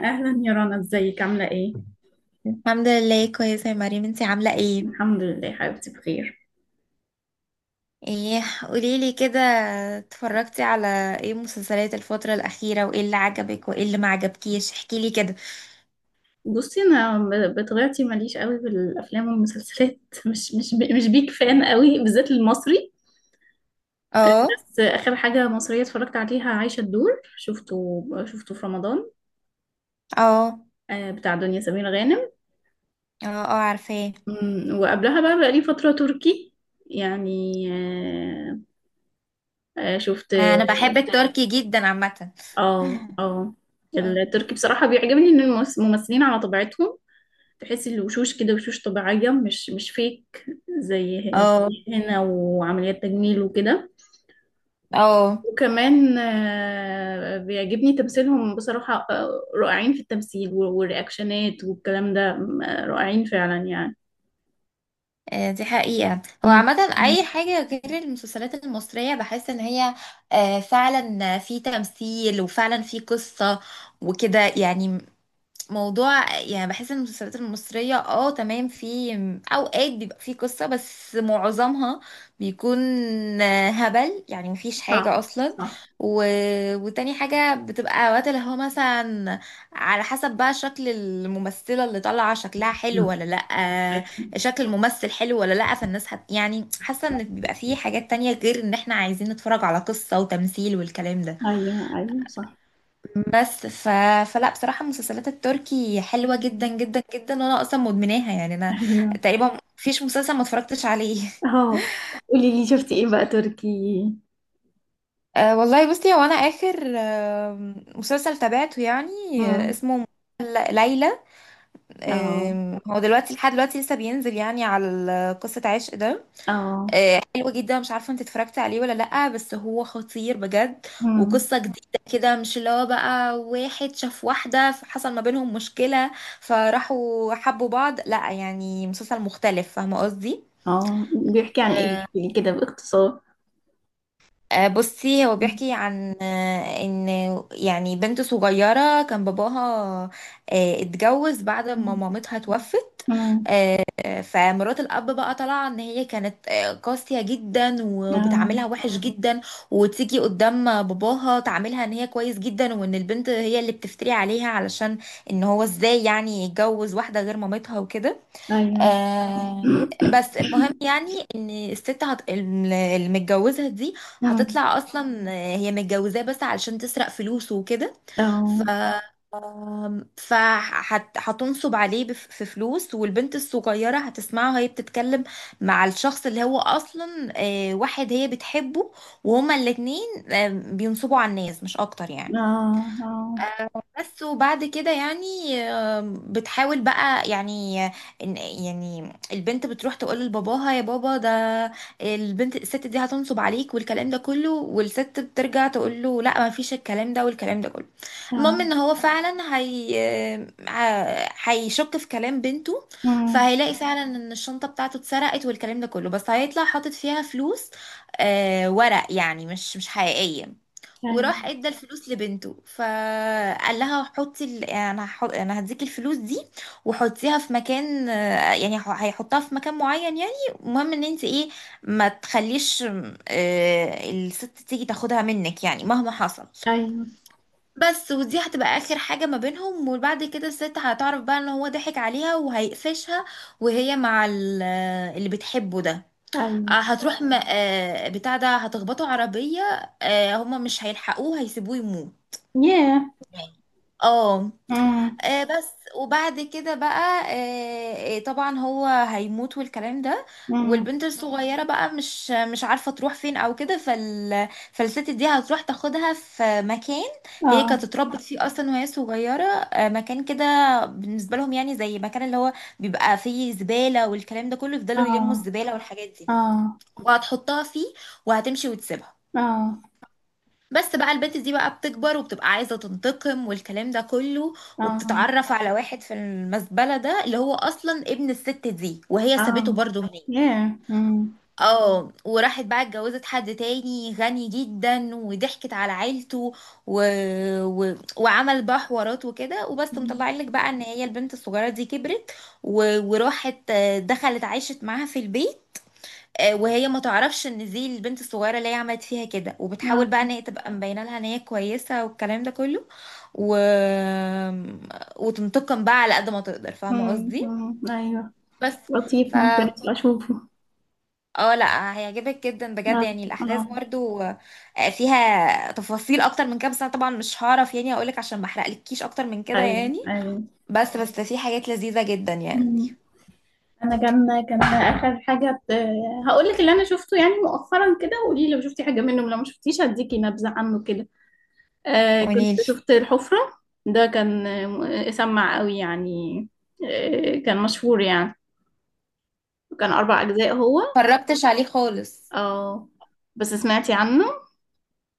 اهلا يا رنا، ازيك؟ عامله ايه؟ الحمد لله كويسة يا مريم، انتي عاملة ايه؟ الحمد لله حبيبتي بخير. ايه، قوليلي كده. اتفرجتي على ايه مسلسلات الفترة الأخيرة وايه اللي عجبك وايه اللي ما عجبكيش؟ احكيلي كده. بصي، انا بطبيعتي ماليش قوي بالافلام والمسلسلات. مش بيك فان قوي، بالذات المصري. اه. بس اخر حاجه مصريه اتفرجت عليها عايشه الدور، شفته في رمضان. اه. اه. بتاع دنيا سمير غانم. اه، عارفاه. وقبلها بقى لي فتره تركي، يعني. آه، شفت. انا بحب التركي جدا عامة. اه، اه. اه. التركي بصراحه بيعجبني ان الممثلين على طبيعتهم، تحسي الوشوش كده وشوش طبيعية، مش فيك. زي ه- اه. زي هنا وعمليات تجميل وكده. اه. وكمان بيعجبني تمثيلهم بصراحة. رائعين في التمثيل والرياكشنات والكلام ده رائعين فعلا، يعني. دي حقيقة. هو مم. عامة مم. أي حاجة غير المسلسلات المصرية بحس إن هي فعلا في تمثيل وفعلا في قصة وكده يعني، موضوع يعني بحس ان المسلسلات المصرية اه تمام، في اوقات بيبقى في قصة بس معظمها بيكون هبل، يعني مفيش حاجة صح، اصلا. صح. و... وتاني حاجة بتبقى اوقات اللي هو مثلا على حسب بقى شكل الممثلة اللي طالعة شكلها حلو نعم. ولا لأ، شكل الممثل حلو ولا لأ، فالناس يعني حاسة ان بيبقى في حاجات تانية غير ان احنا عايزين نتفرج على قصة وتمثيل والكلام ده. ايوه، ايوه، صح. بس فلا بصراحة المسلسلات التركي حلوة جدا جدا جدا، وانا اصلا مدمناها يعني. انا ايوه. تقريبا مفيش مسلسل ما اتفرجتش عليه. اهو، قولي لي، شفتي ايه بقى تركي؟ أه والله بصي، هو انا اخر مسلسل تابعته يعني، امم. اسمه ليلى. اه، هو دلوقتي لحد دلوقتي لسه بينزل يعني على قصة عشق ده. اه. حلو جدا. مش عارفه انت اتفرجتي عليه ولا لأ، بس هو خطير بجد. امم. وقصه جديده كده، مش اللي هو بقى واحد شاف واحده حصل ما بينهم مشكله فراحوا حبوا بعض، لأ يعني مسلسل مختلف. فاهمه قصدي؟ اه. بيحكي عن ايه؟ آه، احكي لي كده باختصار. بصي، هو بيحكي عن ان يعني بنت صغيره كان باباها اتجوز بعد ما مم. مامتها توفت. مم. فمرات الاب بقى طالعه ان هي كانت قاسيه جدا آه. وبتعاملها وحش جدا، وتيجي قدام باباها تعاملها ان هي كويس جدا، وان البنت هي اللي بتفتري عليها علشان ان هو ازاي يعني يتجوز واحده غير مامتها وكده. أيوة. بس المهم يعني ان الست المتجوزة دي مم. هتطلع اصلا هي متجوزاه بس علشان تسرق فلوسه وكده. ف أو. فهتنصب عليه في فلوس. والبنت الصغيرة هتسمعها هي بتتكلم مع الشخص اللي هو أصلا واحد هي بتحبه، وهما الاتنين بينصبوا على الناس مش أكتر يعني. آه. آه. بس وبعد كده يعني بتحاول بقى يعني، يعني البنت بتروح تقول لباباها: يا بابا، ده البنت الست دي هتنصب عليك والكلام ده كله. والست بترجع تقول له: لا، ما فيش الكلام ده والكلام ده كله. المهم آه. ان هو فعلا هي هيشك في كلام بنته، مم. فهيلاقي فعلا ان الشنطة بتاعته اتسرقت والكلام ده كله، بس هيطلع حاطط فيها فلوس ورق يعني، مش حقيقية. أيوة، وراح ادى الفلوس لبنته فقال لها: حطي ال... يعني انا انا هديك الفلوس دي وحطيها في مكان، يعني هيحطها في مكان معين يعني. المهم ان انت ايه، ما تخليش الست تيجي تاخدها منك يعني، مهما حصل. أيوة، بس ودي هتبقى اخر حاجة ما بينهم. وبعد كده الست هتعرف بقى ان هو ضحك عليها وهيقفشها، وهي مع اللي بتحبه ده. أيوة. هتروح بتاع ده، هتخبطوا عربية. هما مش هيلحقوه، هيسيبوه يموت. ياه. اه. مم. بس. وبعد كده بقى طبعا هو هيموت والكلام ده. مم. والبنت الصغيرة بقى مش عارفة تروح فين او كده. فالست دي هتروح تاخدها في مكان هي كانت آه. اتربت فيه اصلا وهي صغيرة. مكان كده بالنسبة لهم يعني، زي مكان اللي هو بيبقى فيه زبالة والكلام ده كله، يفضلوا يلموا آه. الزبالة والحاجات دي، آه. وهتحطها فيه وهتمشي وتسيبها. آه. بس بقى البنت دي بقى بتكبر وبتبقى عايزة تنتقم والكلام ده كله، آه. وبتتعرف على واحد في المزبلة ده اللي هو أصلا ابن الست دي وهي سابته آه. برضه هناك. ياه. مم. اه، وراحت بقى اتجوزت حد تاني غني جدا وضحكت على عيلته. و... وعمل بقى حوارات وكده، وبس مم. مطلع لك بقى ان هي البنت الصغيرة دي كبرت. وراحت دخلت عايشت معاها في البيت. وهي ما تعرفش ان دي البنت الصغيره اللي هي عملت فيها كده، وبتحاول بقى آه. ان هي تبقى مبينه لها ان هي كويسه والكلام ده كله. و... وتنتقم بقى على قد ما تقدر. فاهمه مم. قصدي؟ مم. أيوة. بس ف لطيف، ممكن أبقى أشوفه. اه لا هيعجبك جدا بجد آه، يعني. الاحداث آه. برضو فيها تفاصيل اكتر من كده، بس انا طبعا مش هعرف يعني اقولك، عشان ما احرقلكيش اكتر من كده أيوة، يعني. أيوة. بس في حاجات لذيذه جدا يعني. مم. انا كان اخر حاجه هقول لك اللي انا شفته يعني مؤخرا، كده. وقولي لي لو شفتي حاجه منه، لو ما شفتيش هديكي نبذه عنه كده. آه، كنت قوليلي. شفت الحفره. ده كان سمع قوي، يعني. آه، كان مشهور يعني. كان اربع اجزاء هو. اتفرجتش عليه خالص. اه. بس سمعتي عنه؟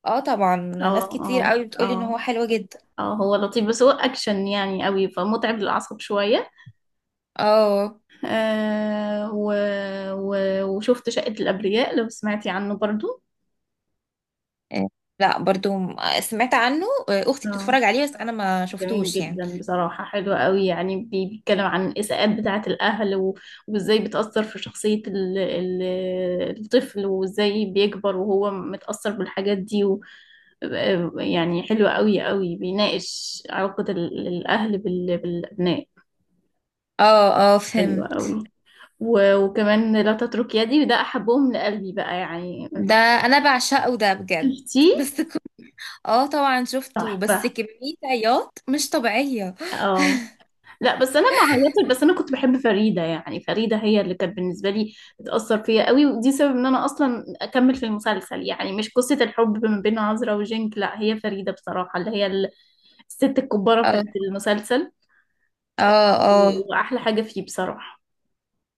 اه، طبعا ناس اه، كتير اه، قوي بتقولي ان هو اه، حلو جدا. اه. هو لطيف، بس هو اكشن يعني قوي، فمتعب للاعصاب شويه. اه. آه و و وشفت شقه الابرياء، لو سمعتي عنه برضو. آه، لا برضو سمعت عنه. اختي اه. بتتفرج عليه، بس انا ما جميل شفتوش يعني. جدا بصراحة، حلو قوي. يعني بيتكلم عن الإساءات بتاعة الأهل، وإزاي بتأثر في شخصية الطفل، وإزاي بيكبر وهو متأثر بالحاجات دي، و يعني حلو قوي قوي، بيناقش علاقة الأهل بالأبناء. اه. اه حلو فهمت. قوي. وكمان لا تترك يدي، وده أحبهم لقلبي بقى يعني. ده انا بعشقه ده بجد. شفتيه؟ بس اه طبعا شفته، بس تحفة. كمية عياط مش طبيعية. اه. لا، بس انا ما عيطت. بس انا كنت بحب فريده، يعني فريده هي اللي كانت بالنسبه لي بتاثر فيا قوي، ودي سبب ان انا اصلا اكمل في المسلسل، يعني مش قصه الحب ما بين عذرا وجينك، لا هي فريده بصراحه اللي هي الست الكباره بتاعت اه. المسلسل. اه. اه. واحلى حاجه فيه بصراحه.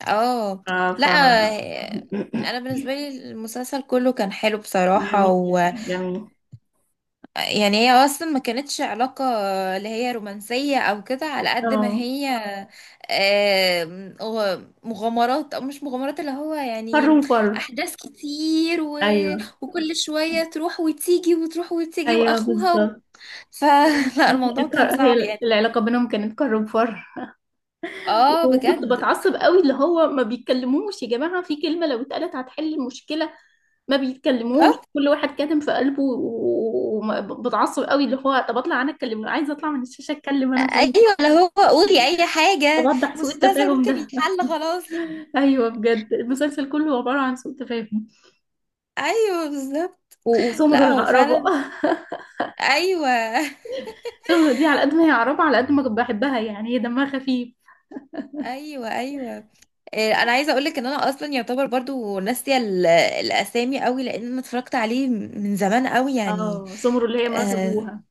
اه. ف لا انا بالنسبة لي المسلسل كله كان حلو بصراحة. جميل، جميل. يعني هي اصلا ما كانتش علاقة اللي هي رومانسية او كده، على قد ما اه، هي مغامرات او مش مغامرات، اللي هو فر يعني وفر. احداث كتير. ايوه، وكل شوية تروح وتيجي وتروح وتيجي ايوه واخوها بالظبط. فلا الموضوع كان هي صعب يعني. العلاقه بينهم كانت كر وفر. اه وكنت بجد. بتعصب قوي، اللي هو ما بيتكلموش. يا جماعة، في كلمة لو اتقالت هتحل المشكلة. ما بيتكلموش، آه، كل واحد كاتم في قلبه، وبتعصب قوي اللي هو طب اطلع انا اتكلم، لو عايزة اطلع من الشاشة اتكلم انا، طيب. ايوه، اللي هو قولي اي طب حاجة، اوضح سوء مسلسل التفاهم ممكن ده. يتحل خلاص. ايوه، بجد المسلسل كله عبارة عن سوء تفاهم. ايوه بالظبط. وسمر لا هو العقربة. فعلا. ايوه. سمر دي على قد ما هي عقربة، على قد ما كنت بحبها، يعني هي دمها خفيف. ايوه. ايوه. انا عايزه اقولك ان انا اصلا يعتبر برضو ناسيه الاسامي قوي، لان انا اتفرجت عليه من زمان قوي يعني. اه، سمر اللي هي مرات اه. ابوها.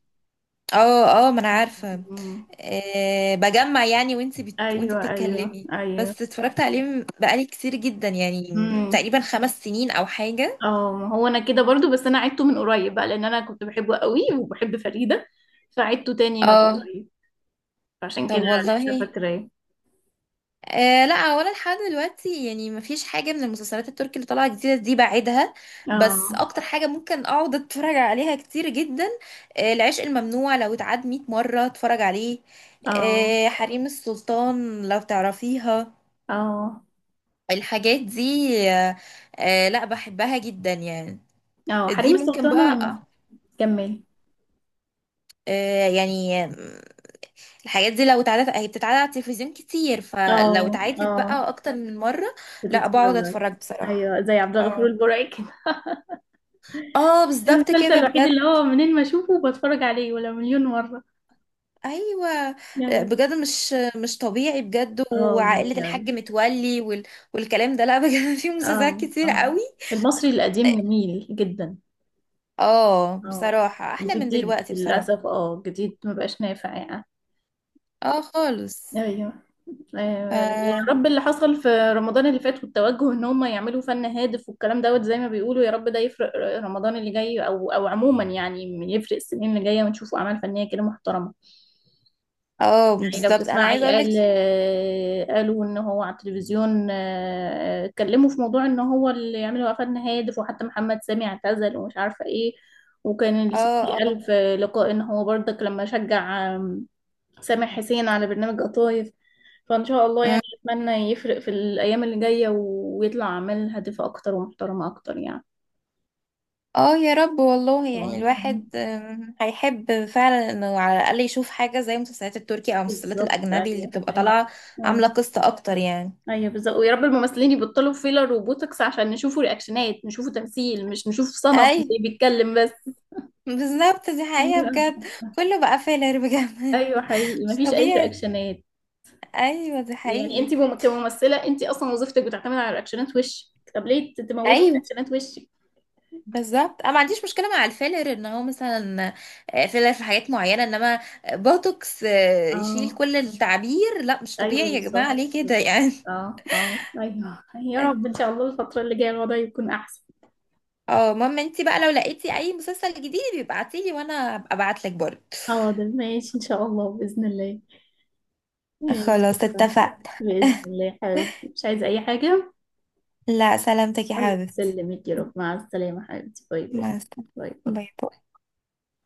اه. ما انا عارفه. أمم. آه بجمع يعني وانت وانت ايوه، ايوه، بتتكلمي، ايوه. بس اتفرجت عليه بقالي كتير جدا يعني، مم. تقريبا خمس سنين او حاجه. اه، ما هو انا كده برضو، بس انا عدته من قريب بقى، لان انا كنت بحبه قوي وبحب فريدة، فعدته تاني من اه. قريب. عشان طب كده لسه والله فاكراه. آه لا، هو انا لحد دلوقتي يعني مفيش حاجه من المسلسلات التركي اللي طالعه جديده دي بعيدها، بس اه، اكتر حاجه ممكن اقعد اتفرج عليها كتير جدا، آه العشق الممنوع، لو اتعاد 100 مره اتفرج عليه. اه، آه حريم السلطان لو تعرفيها. اه، الحاجات دي، آه، آه لا بحبها جدا يعني. اه. دي حريم ممكن السلطان لما بقى كمل. آه يعني آم، الحاجات دي لو اتعادت، هي بتتعاد على التلفزيون كتير، فلو اه، اتعادت اه، بقى اكتر من مره، لا بقعد بتتفرج؟ اتفرج بصراحه. ايوه، زي عبد الغفور اه. البرعي كده. اه بالظبط المسلسل كده الوحيد بجد. اللي هو منين ما اشوفه بتفرج عليه ولا مليون مرة، ايوه يعني. بجد مش طبيعي بجد. اه، وعائله جميل أوي. الحاج متولي والكلام ده، لا بجد. في مسلسلات اه، كتير اه. قوي. المصري القديم جميل جدا. اه اه، بصراحه احلى من جديد دلوقتي بصراحه. للأسف، اه جديد مبقاش نافع يعني. اه خالص. ايوه. ف... يا رب اللي حصل في رمضان اللي فات، والتوجه ان هم يعملوا فن هادف والكلام دوت زي ما بيقولوا، يا رب ده يفرق. رمضان اللي جاي او عموما يعني، يفرق السنين اللي جايه ونشوفوا اعمال فنيه كده محترمه اه يعني. لو بالظبط انا تسمعي، عايزه اقول لك. قال قالوا ان هو على التلفزيون اتكلموا في موضوع ان هو اللي يعملوا قفلنا هادف، وحتى محمد سامي اعتزل، ومش عارفه ايه. وكان الستي اه. قال اه. في لقاء ان هو برضك لما شجع سامح حسين على برنامج قطايف. فان شاء الله أمم. يعني، اتمنى يفرق في الايام اللي جايه ويطلع اعمال هادفه اكتر ومحترمه اكتر يعني. اه يا رب والله، يعني طبعاً. الواحد هيحب فعلا انه على الاقل يشوف حاجه زي المسلسلات التركي او المسلسلات بالظبط، الاجنبي اللي ايوه، بتبقى ايوه، طالعه، عامله ايوه. قصه اكتر يعني. ايوه، بالظبط. ويا رب الممثلين يبطلوا فيلر وبوتوكس، عشان نشوفوا رياكشنات، نشوفوا تمثيل، مش نشوف صنم اي اللي بيتكلم بس. بالظبط، دي حقيقة ايوه، بجد. كله بقى فيلر بجد. ايوه، حقيقي مش مفيش اي طبيعي. رياكشنات. ايوه ده يعني حقيقي. انت كممثله انت اصلا وظيفتك بتعتمد على رياكشنات وشك. طب ليه تموتي ايوه رياكشنات وشك؟ بالظبط، انا ما عنديش مشكله مع الفيلر ان هو مثلا فيلر في حاجات معينه، انما بوتوكس يشيل اه، كل التعبير، لا مش ايوه، طبيعي يا جماعه، بالظبط، ليه كده بالظبط. يعني. اه، اه، ايوه، يا رب ان شاء الله الفتره اللي جايه الوضع يكون احسن. اه، ماما انتي بقى لو لقيتي اي مسلسل جديد ابعتيلي، وانا ابقى ابعت لك برضه. حاضر، ماشي ان شاء الله باذن الله. ماشي، خلاص شكراً. اتفقنا. باذن الله يا حبيبتي، مش عايزه اي حاجه. لا سلامتك يا الله حبيبتي. يسلمك، يا رب، مع السلامة حبيبتي، باي باي. مع السلامه. باي باي. باي باي.